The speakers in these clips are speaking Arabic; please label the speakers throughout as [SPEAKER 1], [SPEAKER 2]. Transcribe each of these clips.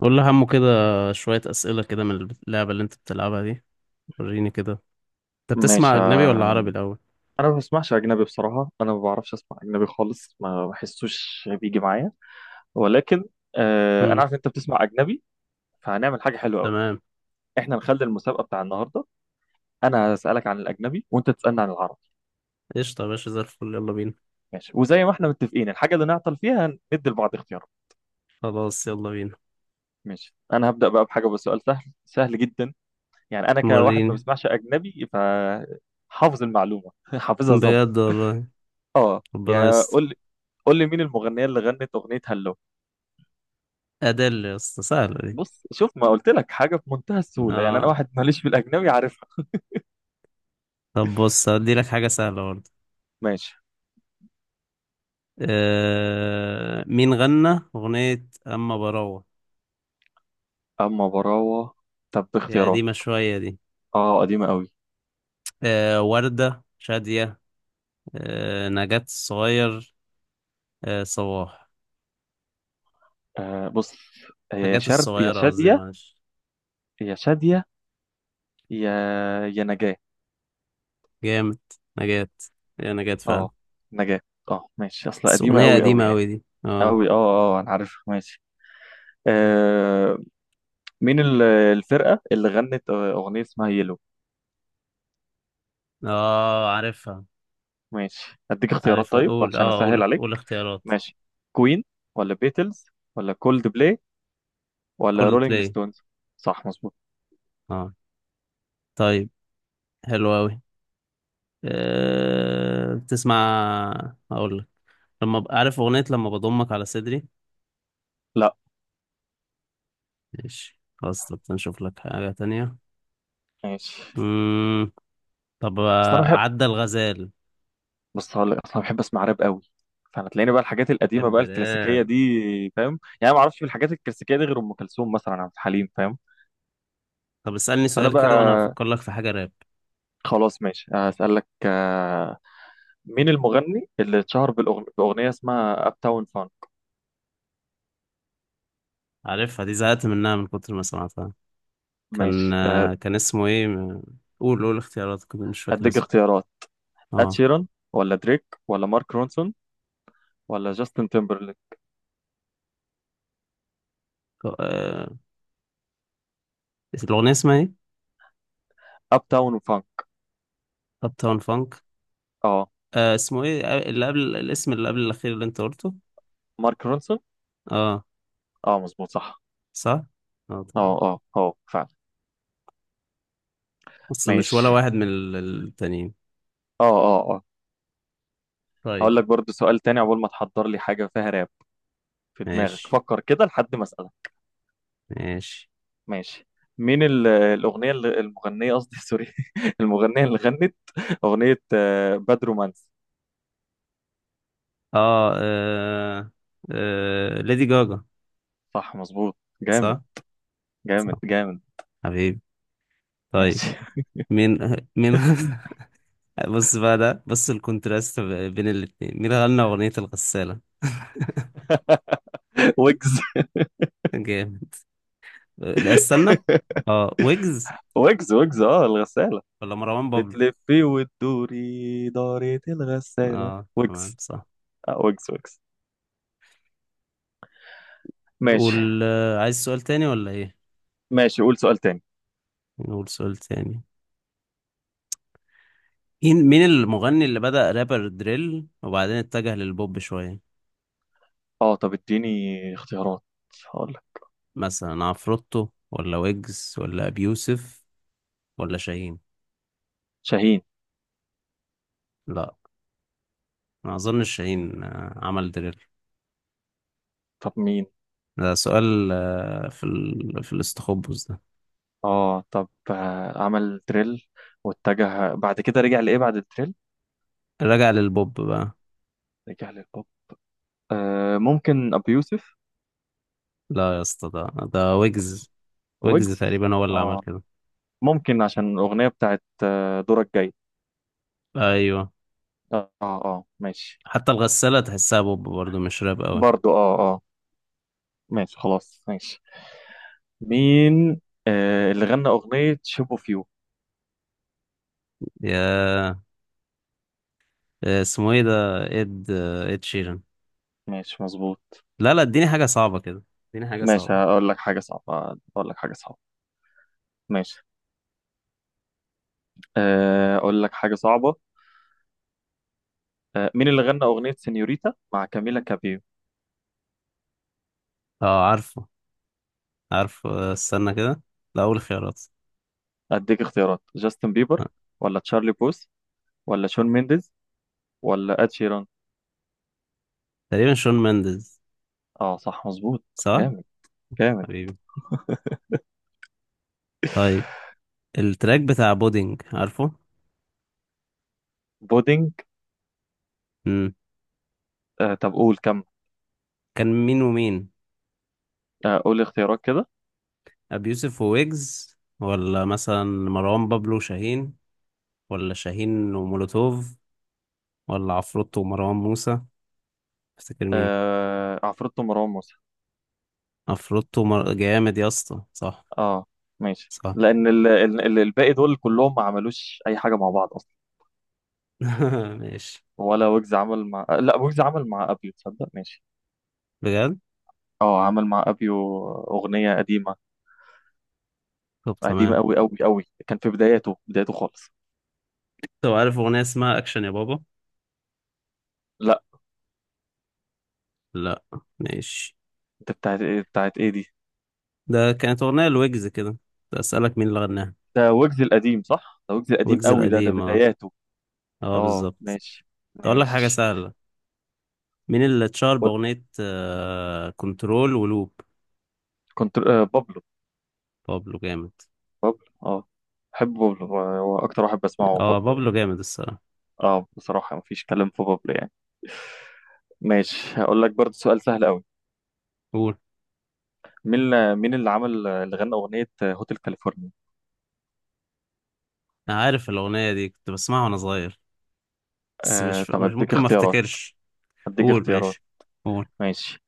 [SPEAKER 1] قول لي همه كده. شوية أسئلة كده من اللعبة اللي أنت بتلعبها دي. وريني كده. أنت
[SPEAKER 2] ماشي
[SPEAKER 1] بتسمع أجنبي ولا عربي الأول؟
[SPEAKER 2] انا ما بسمعش اجنبي بصراحه. انا ما بعرفش اسمع اجنبي خالص، ما بحسوش بيجي معايا. ولكن انا
[SPEAKER 1] امم.
[SPEAKER 2] عارف انت بتسمع اجنبي، فهنعمل حاجه حلوه قوي.
[SPEAKER 1] تمام.
[SPEAKER 2] احنا نخلي المسابقه بتاع النهارده، انا هسالك عن الاجنبي وانت تسالني عن العربي.
[SPEAKER 1] قشطة يا باشا، زي الفل، يلا بينا.
[SPEAKER 2] ماشي، وزي ما احنا متفقين الحاجه اللي نعطل فيها ندي لبعض اختيارات.
[SPEAKER 1] خلاص، يلا بينا.
[SPEAKER 2] ماشي، انا هبدا بقى بحاجه، بسؤال سهل سهل جدا. يعني انا كواحد ما
[SPEAKER 1] وريني.
[SPEAKER 2] بسمعش اجنبي فحافظ المعلومه حافظها ظبط.
[SPEAKER 1] بجد والله.
[SPEAKER 2] اه،
[SPEAKER 1] ربنا
[SPEAKER 2] يا
[SPEAKER 1] يستر.
[SPEAKER 2] قول لي، قول لي مين المغنيه اللي غنت اغنيه هالو؟
[SPEAKER 1] أدل يا اسطى، سهلة دي.
[SPEAKER 2] بص، شوف ما قلت لك حاجه في منتهى السهوله. يعني انا
[SPEAKER 1] آه،
[SPEAKER 2] واحد ماليش في الاجنبي عارفها.
[SPEAKER 1] طب بص هديلك حاجة سهلة برضه.
[SPEAKER 2] ماشي.
[SPEAKER 1] مين غنى أغنية أما براوة؟
[SPEAKER 2] اما براوه. طب
[SPEAKER 1] هي
[SPEAKER 2] باختيارات.
[SPEAKER 1] قديمة شوية دي.
[SPEAKER 2] اه قديمه قوي.
[SPEAKER 1] وردة شادية؟ نجاة الصغير؟ صباح؟
[SPEAKER 2] آه بص، هي يا
[SPEAKER 1] نجاة
[SPEAKER 2] شرد يا
[SPEAKER 1] الصغيرة قصدي،
[SPEAKER 2] شاديه،
[SPEAKER 1] معلش.
[SPEAKER 2] يا شاديه، يا يا نجاه.
[SPEAKER 1] جامد. نجاة. يا نجاة فعلا.
[SPEAKER 2] اه نجاه. اه ماشي، اصلا
[SPEAKER 1] بس
[SPEAKER 2] قديمه
[SPEAKER 1] أغنية
[SPEAKER 2] قوي
[SPEAKER 1] قديمة
[SPEAKER 2] قوي يعني.
[SPEAKER 1] أوي دي، اه.
[SPEAKER 2] قوي، اه اه انا عارفها. ماشي. آه، مين الفرقه اللي غنت اغنيه اسمها يلو؟
[SPEAKER 1] اه، عارفها.
[SPEAKER 2] ماشي اديك اختيارات
[SPEAKER 1] عارفها،
[SPEAKER 2] طيب،
[SPEAKER 1] قول،
[SPEAKER 2] عشان
[SPEAKER 1] اه، قول
[SPEAKER 2] اسهل عليك.
[SPEAKER 1] قول اختيارات.
[SPEAKER 2] ماشي، كوين، ولا بيتلز، ولا كولد بلاي، ولا
[SPEAKER 1] كل
[SPEAKER 2] رولينج
[SPEAKER 1] بلاي.
[SPEAKER 2] ستونز؟ صح، مظبوط.
[SPEAKER 1] اه. طيب. حلو أوي. بتسمع، أقول لك. عارف أغنية لما بضمك على صدري؟
[SPEAKER 2] لا.
[SPEAKER 1] ماشي، خلاص، طب نشوف لك حاجة تانية.
[SPEAKER 2] ماشي.
[SPEAKER 1] مم. طب،
[SPEAKER 2] اصلا انا بحب،
[SPEAKER 1] عدى الغزال.
[SPEAKER 2] بص هقول لك، اصلا بحب اسمع راب قوي، فانا تلاقيني بقى الحاجات القديمه
[SPEAKER 1] بحب
[SPEAKER 2] بقى الكلاسيكيه
[SPEAKER 1] راب.
[SPEAKER 2] دي. فاهم؟ يعني ما اعرفش في الحاجات الكلاسيكيه دي غير ام كلثوم مثلا، عبد الحليم، فاهم؟
[SPEAKER 1] طب اسألني
[SPEAKER 2] فانا
[SPEAKER 1] سؤال
[SPEAKER 2] بقى
[SPEAKER 1] كده وأنا هفكر لك في حاجة راب.
[SPEAKER 2] خلاص. ماشي، اسالك مين المغني اللي اتشهر باغنيه اسمها اب تاون فان؟
[SPEAKER 1] عارفها دي، زهقت منها من كتر ما سمعتها. كان
[SPEAKER 2] ماشي
[SPEAKER 1] كان اسمه ايه؟ قول اختيارات، كنت مش فاكر
[SPEAKER 2] اديك
[SPEAKER 1] اسمه.
[SPEAKER 2] اختيارات: اد
[SPEAKER 1] اه،
[SPEAKER 2] شيران، ولا دريك، ولا مارك رونسون، ولا جاستن تيمبرليك؟
[SPEAKER 1] آه، الأغنية اسمها ايه؟
[SPEAKER 2] اب تاون فان.
[SPEAKER 1] أب تاون فانك.
[SPEAKER 2] اه.
[SPEAKER 1] اسمه ايه، اللي قبل الاسم اللي قبل الأخير اللي انت قلته؟
[SPEAKER 2] مارك رونسون.
[SPEAKER 1] اه.
[SPEAKER 2] اه مظبوط، صح.
[SPEAKER 1] صح؟ اه،
[SPEAKER 2] اه
[SPEAKER 1] طبعا.
[SPEAKER 2] اه اه فعلا.
[SPEAKER 1] أصل مش ولا
[SPEAKER 2] ماشي.
[SPEAKER 1] واحد من التانيين.
[SPEAKER 2] اه اه اه.
[SPEAKER 1] طيب.
[SPEAKER 2] هقول لك برضو سؤال تاني عقبال ما تحضر لي حاجة فيها راب. في دماغك
[SPEAKER 1] ماشي.
[SPEAKER 2] فكر كده لحد ما أسألك.
[SPEAKER 1] ماشي.
[SPEAKER 2] ماشي. مين الأغنية اللي المغنية، قصدي سوري، المغنية اللي غنت أغنية باد رومانس؟
[SPEAKER 1] اه، ليدي جاجا.
[SPEAKER 2] صح مظبوط. جامد
[SPEAKER 1] صح؟ صح.
[SPEAKER 2] جامد جامد.
[SPEAKER 1] حبيبي. طيب.
[SPEAKER 2] ماشي.
[SPEAKER 1] مين. مين بص بقى، ده بص الكونتراست بين الاتنين. مين غنى أغنية الغسالة؟
[SPEAKER 2] ويجز.
[SPEAKER 1] جامد. لا، استنى. اه، ويجز.
[SPEAKER 2] ويجز، ويجز، اه الغسالة.
[SPEAKER 1] ولا مروان بابلو؟
[SPEAKER 2] بتلفي وتدوري دارة الغسالة،
[SPEAKER 1] اه، تمام،
[SPEAKER 2] ويجز.
[SPEAKER 1] صح.
[SPEAKER 2] آه ويجز، ويجز. ماشي.
[SPEAKER 1] قول، عايز سؤال تاني ولا ايه؟
[SPEAKER 2] ماشي قول سؤال تاني.
[SPEAKER 1] نقول سؤال تاني. مين المغني اللي بدأ رابر دريل وبعدين اتجه للبوب شوية.
[SPEAKER 2] اه طب اديني اختيارات. هقول
[SPEAKER 1] مثلا عفروتو، ولا ويجز، ولا أبي يوسف، ولا شاهين؟
[SPEAKER 2] شاهين.
[SPEAKER 1] لا. ما اظنش شاهين عمل دريل.
[SPEAKER 2] طب مين؟
[SPEAKER 1] ده سؤال في في الاستخبص ده.
[SPEAKER 2] اه طب عمل دريل، واتجه بعد كده رجع لايه بعد الدريل؟
[SPEAKER 1] رجع للبوب بقى.
[SPEAKER 2] رجع للبوب. آه ممكن ابو يوسف.
[SPEAKER 1] لا يا اسطى، ده ويجز. ويجز
[SPEAKER 2] ويجز.
[SPEAKER 1] تقريبا هو اللي عمل
[SPEAKER 2] اه
[SPEAKER 1] كده.
[SPEAKER 2] ممكن، عشان الاغنيه بتاعت دورك جاي.
[SPEAKER 1] ايوه.
[SPEAKER 2] اه اه ماشي.
[SPEAKER 1] حتى الغسالة تحسها بوب برضه، مش راب قوي.
[SPEAKER 2] برضو اه اه. ماشي خلاص ماشي. مين آه اللي غنى اغنيه شيب اوف يو؟
[SPEAKER 1] يا اسمه ايه ده؟ اد اد شيران.
[SPEAKER 2] ماشي مظبوط.
[SPEAKER 1] لا، لا، اديني حاجة صعبة كده. اديني حاجة
[SPEAKER 2] ماشي،
[SPEAKER 1] صعبة.
[SPEAKER 2] هقول لك حاجه صعبه، اقول لك حاجه صعبه. ماشي. اقول لك حاجه صعبه. مين اللي غنى أغنية سينيوريتا مع كاميلا كابيو؟
[SPEAKER 1] اه، عارفه، عارفه، استنى كده. لا، اول خيارات.
[SPEAKER 2] أديك اختيارات: جاستن بيبر،
[SPEAKER 1] آه.
[SPEAKER 2] ولا تشارلي بوث، ولا شون مينديز، ولا إد شيران؟
[SPEAKER 1] تقريبا شون مندز.
[SPEAKER 2] اه صح مظبوط.
[SPEAKER 1] صح.
[SPEAKER 2] جامد جامد.
[SPEAKER 1] حبيبي. طيب. التراك بتاع بودينج، عارفه؟
[SPEAKER 2] بودينج.
[SPEAKER 1] امم.
[SPEAKER 2] آه طب قول كم.
[SPEAKER 1] كان مين ومين؟
[SPEAKER 2] آه قول اختيارات كده.
[SPEAKER 1] ابي يوسف وويجز، ولا مثلا مروان بابلو شاهين، ولا شاهين ومولوتوف، ولا عفروتو ومروان موسى؟ تفتكر مين؟
[SPEAKER 2] آه عفروتو مروان موسى.
[SPEAKER 1] افروتو جامد يا اسطى، صح.
[SPEAKER 2] اه ماشي،
[SPEAKER 1] صح.
[SPEAKER 2] لأن ال الباقي دول كلهم ما عملوش أي حاجة مع بعض أصلا.
[SPEAKER 1] ماشي.
[SPEAKER 2] ولا ويجز عمل مع لا ويجز عمل مع أبيو، تصدق؟ ماشي.
[SPEAKER 1] بجد.
[SPEAKER 2] اه عمل مع أبيو أغنية قديمة.
[SPEAKER 1] طب،
[SPEAKER 2] قديمة
[SPEAKER 1] تمام.
[SPEAKER 2] أوي أوي أوي، كان في بداياته، بداياته خالص.
[SPEAKER 1] طب، عارف اغنيه اسمها اكشن يا بابا؟
[SPEAKER 2] لا.
[SPEAKER 1] لا. ماشي.
[SPEAKER 2] انت بتاعت ايه بتاعت ايه دي؟
[SPEAKER 1] ده كانت اغنيه لويجز كده. ده اسالك مين اللي غناها.
[SPEAKER 2] ده ويجز القديم، صح؟ ده ويجز القديم
[SPEAKER 1] ويجز
[SPEAKER 2] قوي، ده ده
[SPEAKER 1] القديم، اه.
[SPEAKER 2] بداياته.
[SPEAKER 1] اه،
[SPEAKER 2] اه
[SPEAKER 1] بالظبط.
[SPEAKER 2] ماشي.
[SPEAKER 1] اقول لك حاجه
[SPEAKER 2] ماشي.
[SPEAKER 1] سهله. مين اللي اتشهر
[SPEAKER 2] و-،
[SPEAKER 1] باغنيه كنترول ولوب؟
[SPEAKER 2] كنت آه بابلو.
[SPEAKER 1] بابلو، جامد.
[SPEAKER 2] بابلو، اه. بحب بابلو، هو هو اكتر واحد بسمعه هو
[SPEAKER 1] اه،
[SPEAKER 2] بابلو يعني.
[SPEAKER 1] بابلو جامد الصراحه.
[SPEAKER 2] اه بصراحة مفيش كلام في بابلو يعني. ماشي، هقول لك برضه سؤال سهل قوي.
[SPEAKER 1] قول.
[SPEAKER 2] مين مين اللي عمل، اللي غنى أغنية هوتيل كاليفورنيا؟
[SPEAKER 1] انا عارف الاغنيه دي، كنت بسمعها وانا صغير. بس
[SPEAKER 2] آه
[SPEAKER 1] مش
[SPEAKER 2] طب
[SPEAKER 1] مش
[SPEAKER 2] اديك
[SPEAKER 1] ممكن ما
[SPEAKER 2] اختيارات،
[SPEAKER 1] افتكرش.
[SPEAKER 2] اديك
[SPEAKER 1] قول،
[SPEAKER 2] اختيارات.
[SPEAKER 1] ماشي. قول.
[SPEAKER 2] ماشي: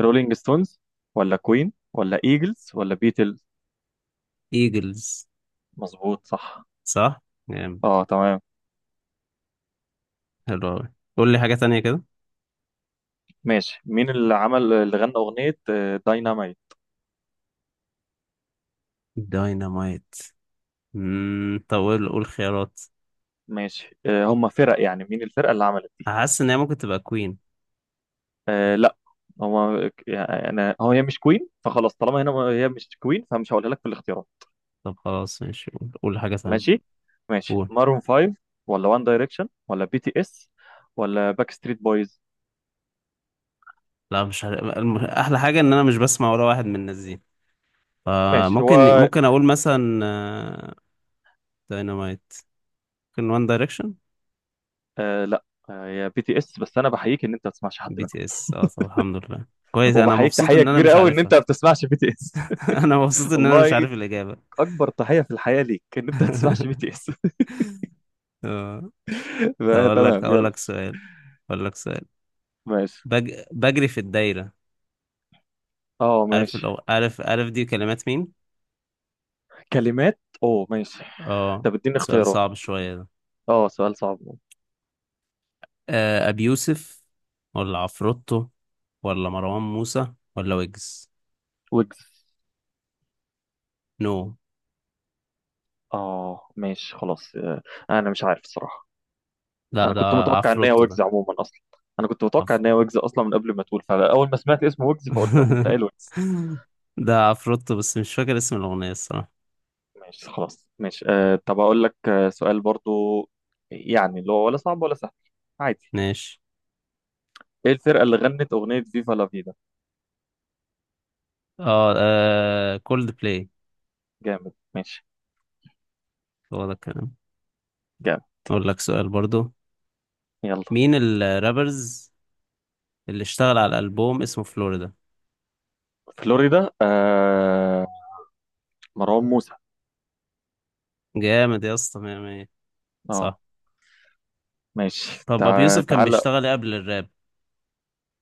[SPEAKER 2] رولينج ستونز، ولا كوين، ولا ايجلز، ولا بيتلز؟
[SPEAKER 1] ايجلز.
[SPEAKER 2] مظبوط صح.
[SPEAKER 1] صح. جامد.
[SPEAKER 2] اه تمام.
[SPEAKER 1] حلو أوي، قول لي حاجة تانية كده.
[SPEAKER 2] ماشي. مين اللي عمل، اللي غنى أغنية دايناميت؟
[SPEAKER 1] داينامايت. طب، قول خيارات.
[SPEAKER 2] ماشي هم فرق يعني، مين الفرقة اللي عملت دي.
[SPEAKER 1] حاسس ان هي ممكن تبقى كوين.
[SPEAKER 2] آه لا. هو يعني هو هي مش كوين، فخلاص طالما هنا هي مش كوين فمش هقولها لك في الاختيارات.
[SPEAKER 1] طب خلاص، ماشي، قول حاجة تانية.
[SPEAKER 2] ماشي. ماشي،
[SPEAKER 1] قول.
[SPEAKER 2] مارون 5، ولا وان دايركشن، ولا بي تي اس، ولا باك ستريت بويز؟
[SPEAKER 1] لا، مش عارف. احلى حاجة ان انا مش بسمع ولا واحد من الناس دي.
[SPEAKER 2] ماشي
[SPEAKER 1] فممكن
[SPEAKER 2] هو.
[SPEAKER 1] ممكن اقول مثلا، داينامايت. ممكن وان دايركشن.
[SPEAKER 2] آه لا. هي بي تي اس، بس انا بحييك ان انت ما بتسمعش حد
[SPEAKER 1] بي
[SPEAKER 2] منهم،
[SPEAKER 1] تي اس، اه. طب الحمد لله، كويس. انا
[SPEAKER 2] وبحييك
[SPEAKER 1] مبسوط
[SPEAKER 2] تحيه
[SPEAKER 1] ان انا
[SPEAKER 2] كبيره
[SPEAKER 1] مش
[SPEAKER 2] قوي ان انت
[SPEAKER 1] عارفها.
[SPEAKER 2] ما بتسمعش بي تي اس.
[SPEAKER 1] انا مبسوط ان انا مش
[SPEAKER 2] والله،
[SPEAKER 1] عارف الاجابة.
[SPEAKER 2] اكبر تحيه في الحياه ليك ان انت ما بتسمعش بي تي اس.
[SPEAKER 1] آه، طب
[SPEAKER 2] لا،
[SPEAKER 1] اقول
[SPEAKER 2] تمام،
[SPEAKER 1] لك اقول
[SPEAKER 2] يلا.
[SPEAKER 1] لك سؤال. اقول لك سؤال.
[SPEAKER 2] ماشي.
[SPEAKER 1] بجري في الدايرة.
[SPEAKER 2] اه
[SPEAKER 1] عارف
[SPEAKER 2] ماشي.
[SPEAKER 1] الأو... عارف عارف دي كلمات مين؟
[SPEAKER 2] كلمات اوه، ماشي.
[SPEAKER 1] اه،
[SPEAKER 2] طب اديني
[SPEAKER 1] سؤال
[SPEAKER 2] اختيارات.
[SPEAKER 1] صعب شوية ده.
[SPEAKER 2] اه سؤال صعب.
[SPEAKER 1] أبي يوسف، ولا عفروتو، ولا مروان موسى، ولا ويجز؟
[SPEAKER 2] ويجز.
[SPEAKER 1] نو.
[SPEAKER 2] اه ماشي خلاص. انا مش عارف الصراحة.
[SPEAKER 1] لا،
[SPEAKER 2] انا
[SPEAKER 1] ده
[SPEAKER 2] كنت متوقع ان هي
[SPEAKER 1] عفروتو.
[SPEAKER 2] ويجز عموما اصلا. انا كنت متوقع
[SPEAKER 1] عف...
[SPEAKER 2] ان هي ويجز اصلا من قبل ما تقول، فاول ما سمعت اسم ويجز فقلت، قمت قايل ويجز.
[SPEAKER 1] ده عفروتو بس مش فاكر اسم الأغنية الصراحة.
[SPEAKER 2] ماشي خلاص. ماشي. آه طب اقول لك سؤال برضو، يعني اللي هو ولا صعب ولا سهل، عادي.
[SPEAKER 1] ماشي.
[SPEAKER 2] ايه الفرقة اللي غنت اغنية فيفا لا فيدا؟
[SPEAKER 1] اه، كولد بلاي.
[SPEAKER 2] جامد. ماشي.
[SPEAKER 1] هو ده الكلام.
[SPEAKER 2] جامد.
[SPEAKER 1] أقول لك سؤال برضو.
[SPEAKER 2] يلا.
[SPEAKER 1] مين الرابرز اللي اشتغل على الألبوم اسمه فلوريدا؟
[SPEAKER 2] فلوريدا. آه مروان موسى.
[SPEAKER 1] جامد يا اسطى، مية مية.
[SPEAKER 2] اه.
[SPEAKER 1] صح.
[SPEAKER 2] ماشي.
[SPEAKER 1] طب، ابو يوسف كان
[SPEAKER 2] تعالى.
[SPEAKER 1] بيشتغل إيه قبل الراب؟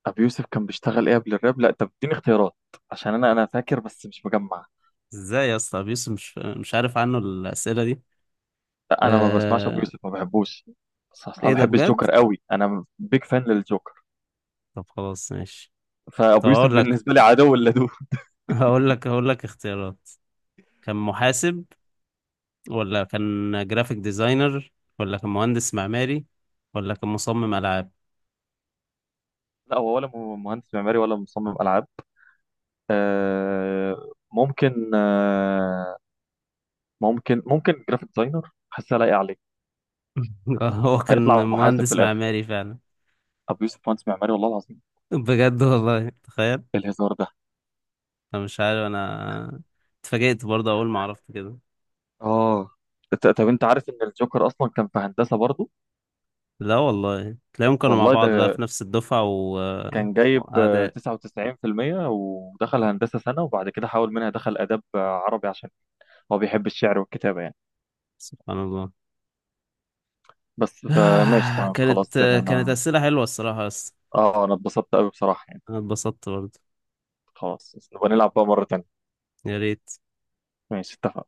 [SPEAKER 2] ابي يوسف كان بيشتغل ايه قبل الراب؟ لا طب اديني اختيارات، عشان انا انا فاكر بس مش مجمع.
[SPEAKER 1] ازاي يا اسطى، ابو يوسف مش عارف عنه الاسئله دي.
[SPEAKER 2] لا انا ما بسمعش ابو
[SPEAKER 1] آه...
[SPEAKER 2] يوسف، ما بحبوش. بس اصلا
[SPEAKER 1] ايه ده
[SPEAKER 2] بحب
[SPEAKER 1] بجد!
[SPEAKER 2] الجوكر قوي، انا بيج فان للجوكر.
[SPEAKER 1] طب خلاص، ماشي. طب،
[SPEAKER 2] فابو يوسف
[SPEAKER 1] اقول لك.
[SPEAKER 2] بالنسبه لي عدو اللدود.
[SPEAKER 1] هقول لك اختيارات. كان محاسب، ولا كان جرافيك ديزاينر، ولا كان مهندس معماري، ولا كان مصمم العاب؟
[SPEAKER 2] لا هو ولا مهندس معماري ولا مصمم العاب. آه ممكن. آه ممكن ممكن جرافيك ديزاينر، حاسه لايقه عليه.
[SPEAKER 1] هو كان
[SPEAKER 2] هيطلع محاسب في
[SPEAKER 1] مهندس
[SPEAKER 2] الاخر.
[SPEAKER 1] معماري فعلا.
[SPEAKER 2] ابو يوسف مهندس معماري؟ والله العظيم؟
[SPEAKER 1] بجد والله، تخيل.
[SPEAKER 2] إيه الهزار ده؟
[SPEAKER 1] انا مش عارف. انا اتفاجئت برضه اول ما عرفت كده.
[SPEAKER 2] اه. طب انت عارف ان الجوكر اصلا كان في هندسه برضه؟
[SPEAKER 1] لا والله، تلاقيهم كانوا مع
[SPEAKER 2] والله
[SPEAKER 1] بعض بقى
[SPEAKER 2] ده
[SPEAKER 1] في نفس الدفعة
[SPEAKER 2] كان جايب
[SPEAKER 1] وأعداء.
[SPEAKER 2] 99% ودخل هندسه سنه، وبعد كده حاول منها دخل اداب عربي، عشان هو بيحب الشعر والكتابه يعني.
[SPEAKER 1] سبحان الله.
[SPEAKER 2] بس فماشي تمام
[SPEAKER 1] كانت
[SPEAKER 2] خلاص يعني
[SPEAKER 1] كانت
[SPEAKER 2] انا.
[SPEAKER 1] أسئلة حلوة الصراحة، بس
[SPEAKER 2] اه انا اتبسطت قوي بصراحه يعني.
[SPEAKER 1] أنا اتبسطت برضه.
[SPEAKER 2] خلاص، بس نبقى نلعب بقى مره تانيه.
[SPEAKER 1] يا ريت.
[SPEAKER 2] ماشي، اتفقنا.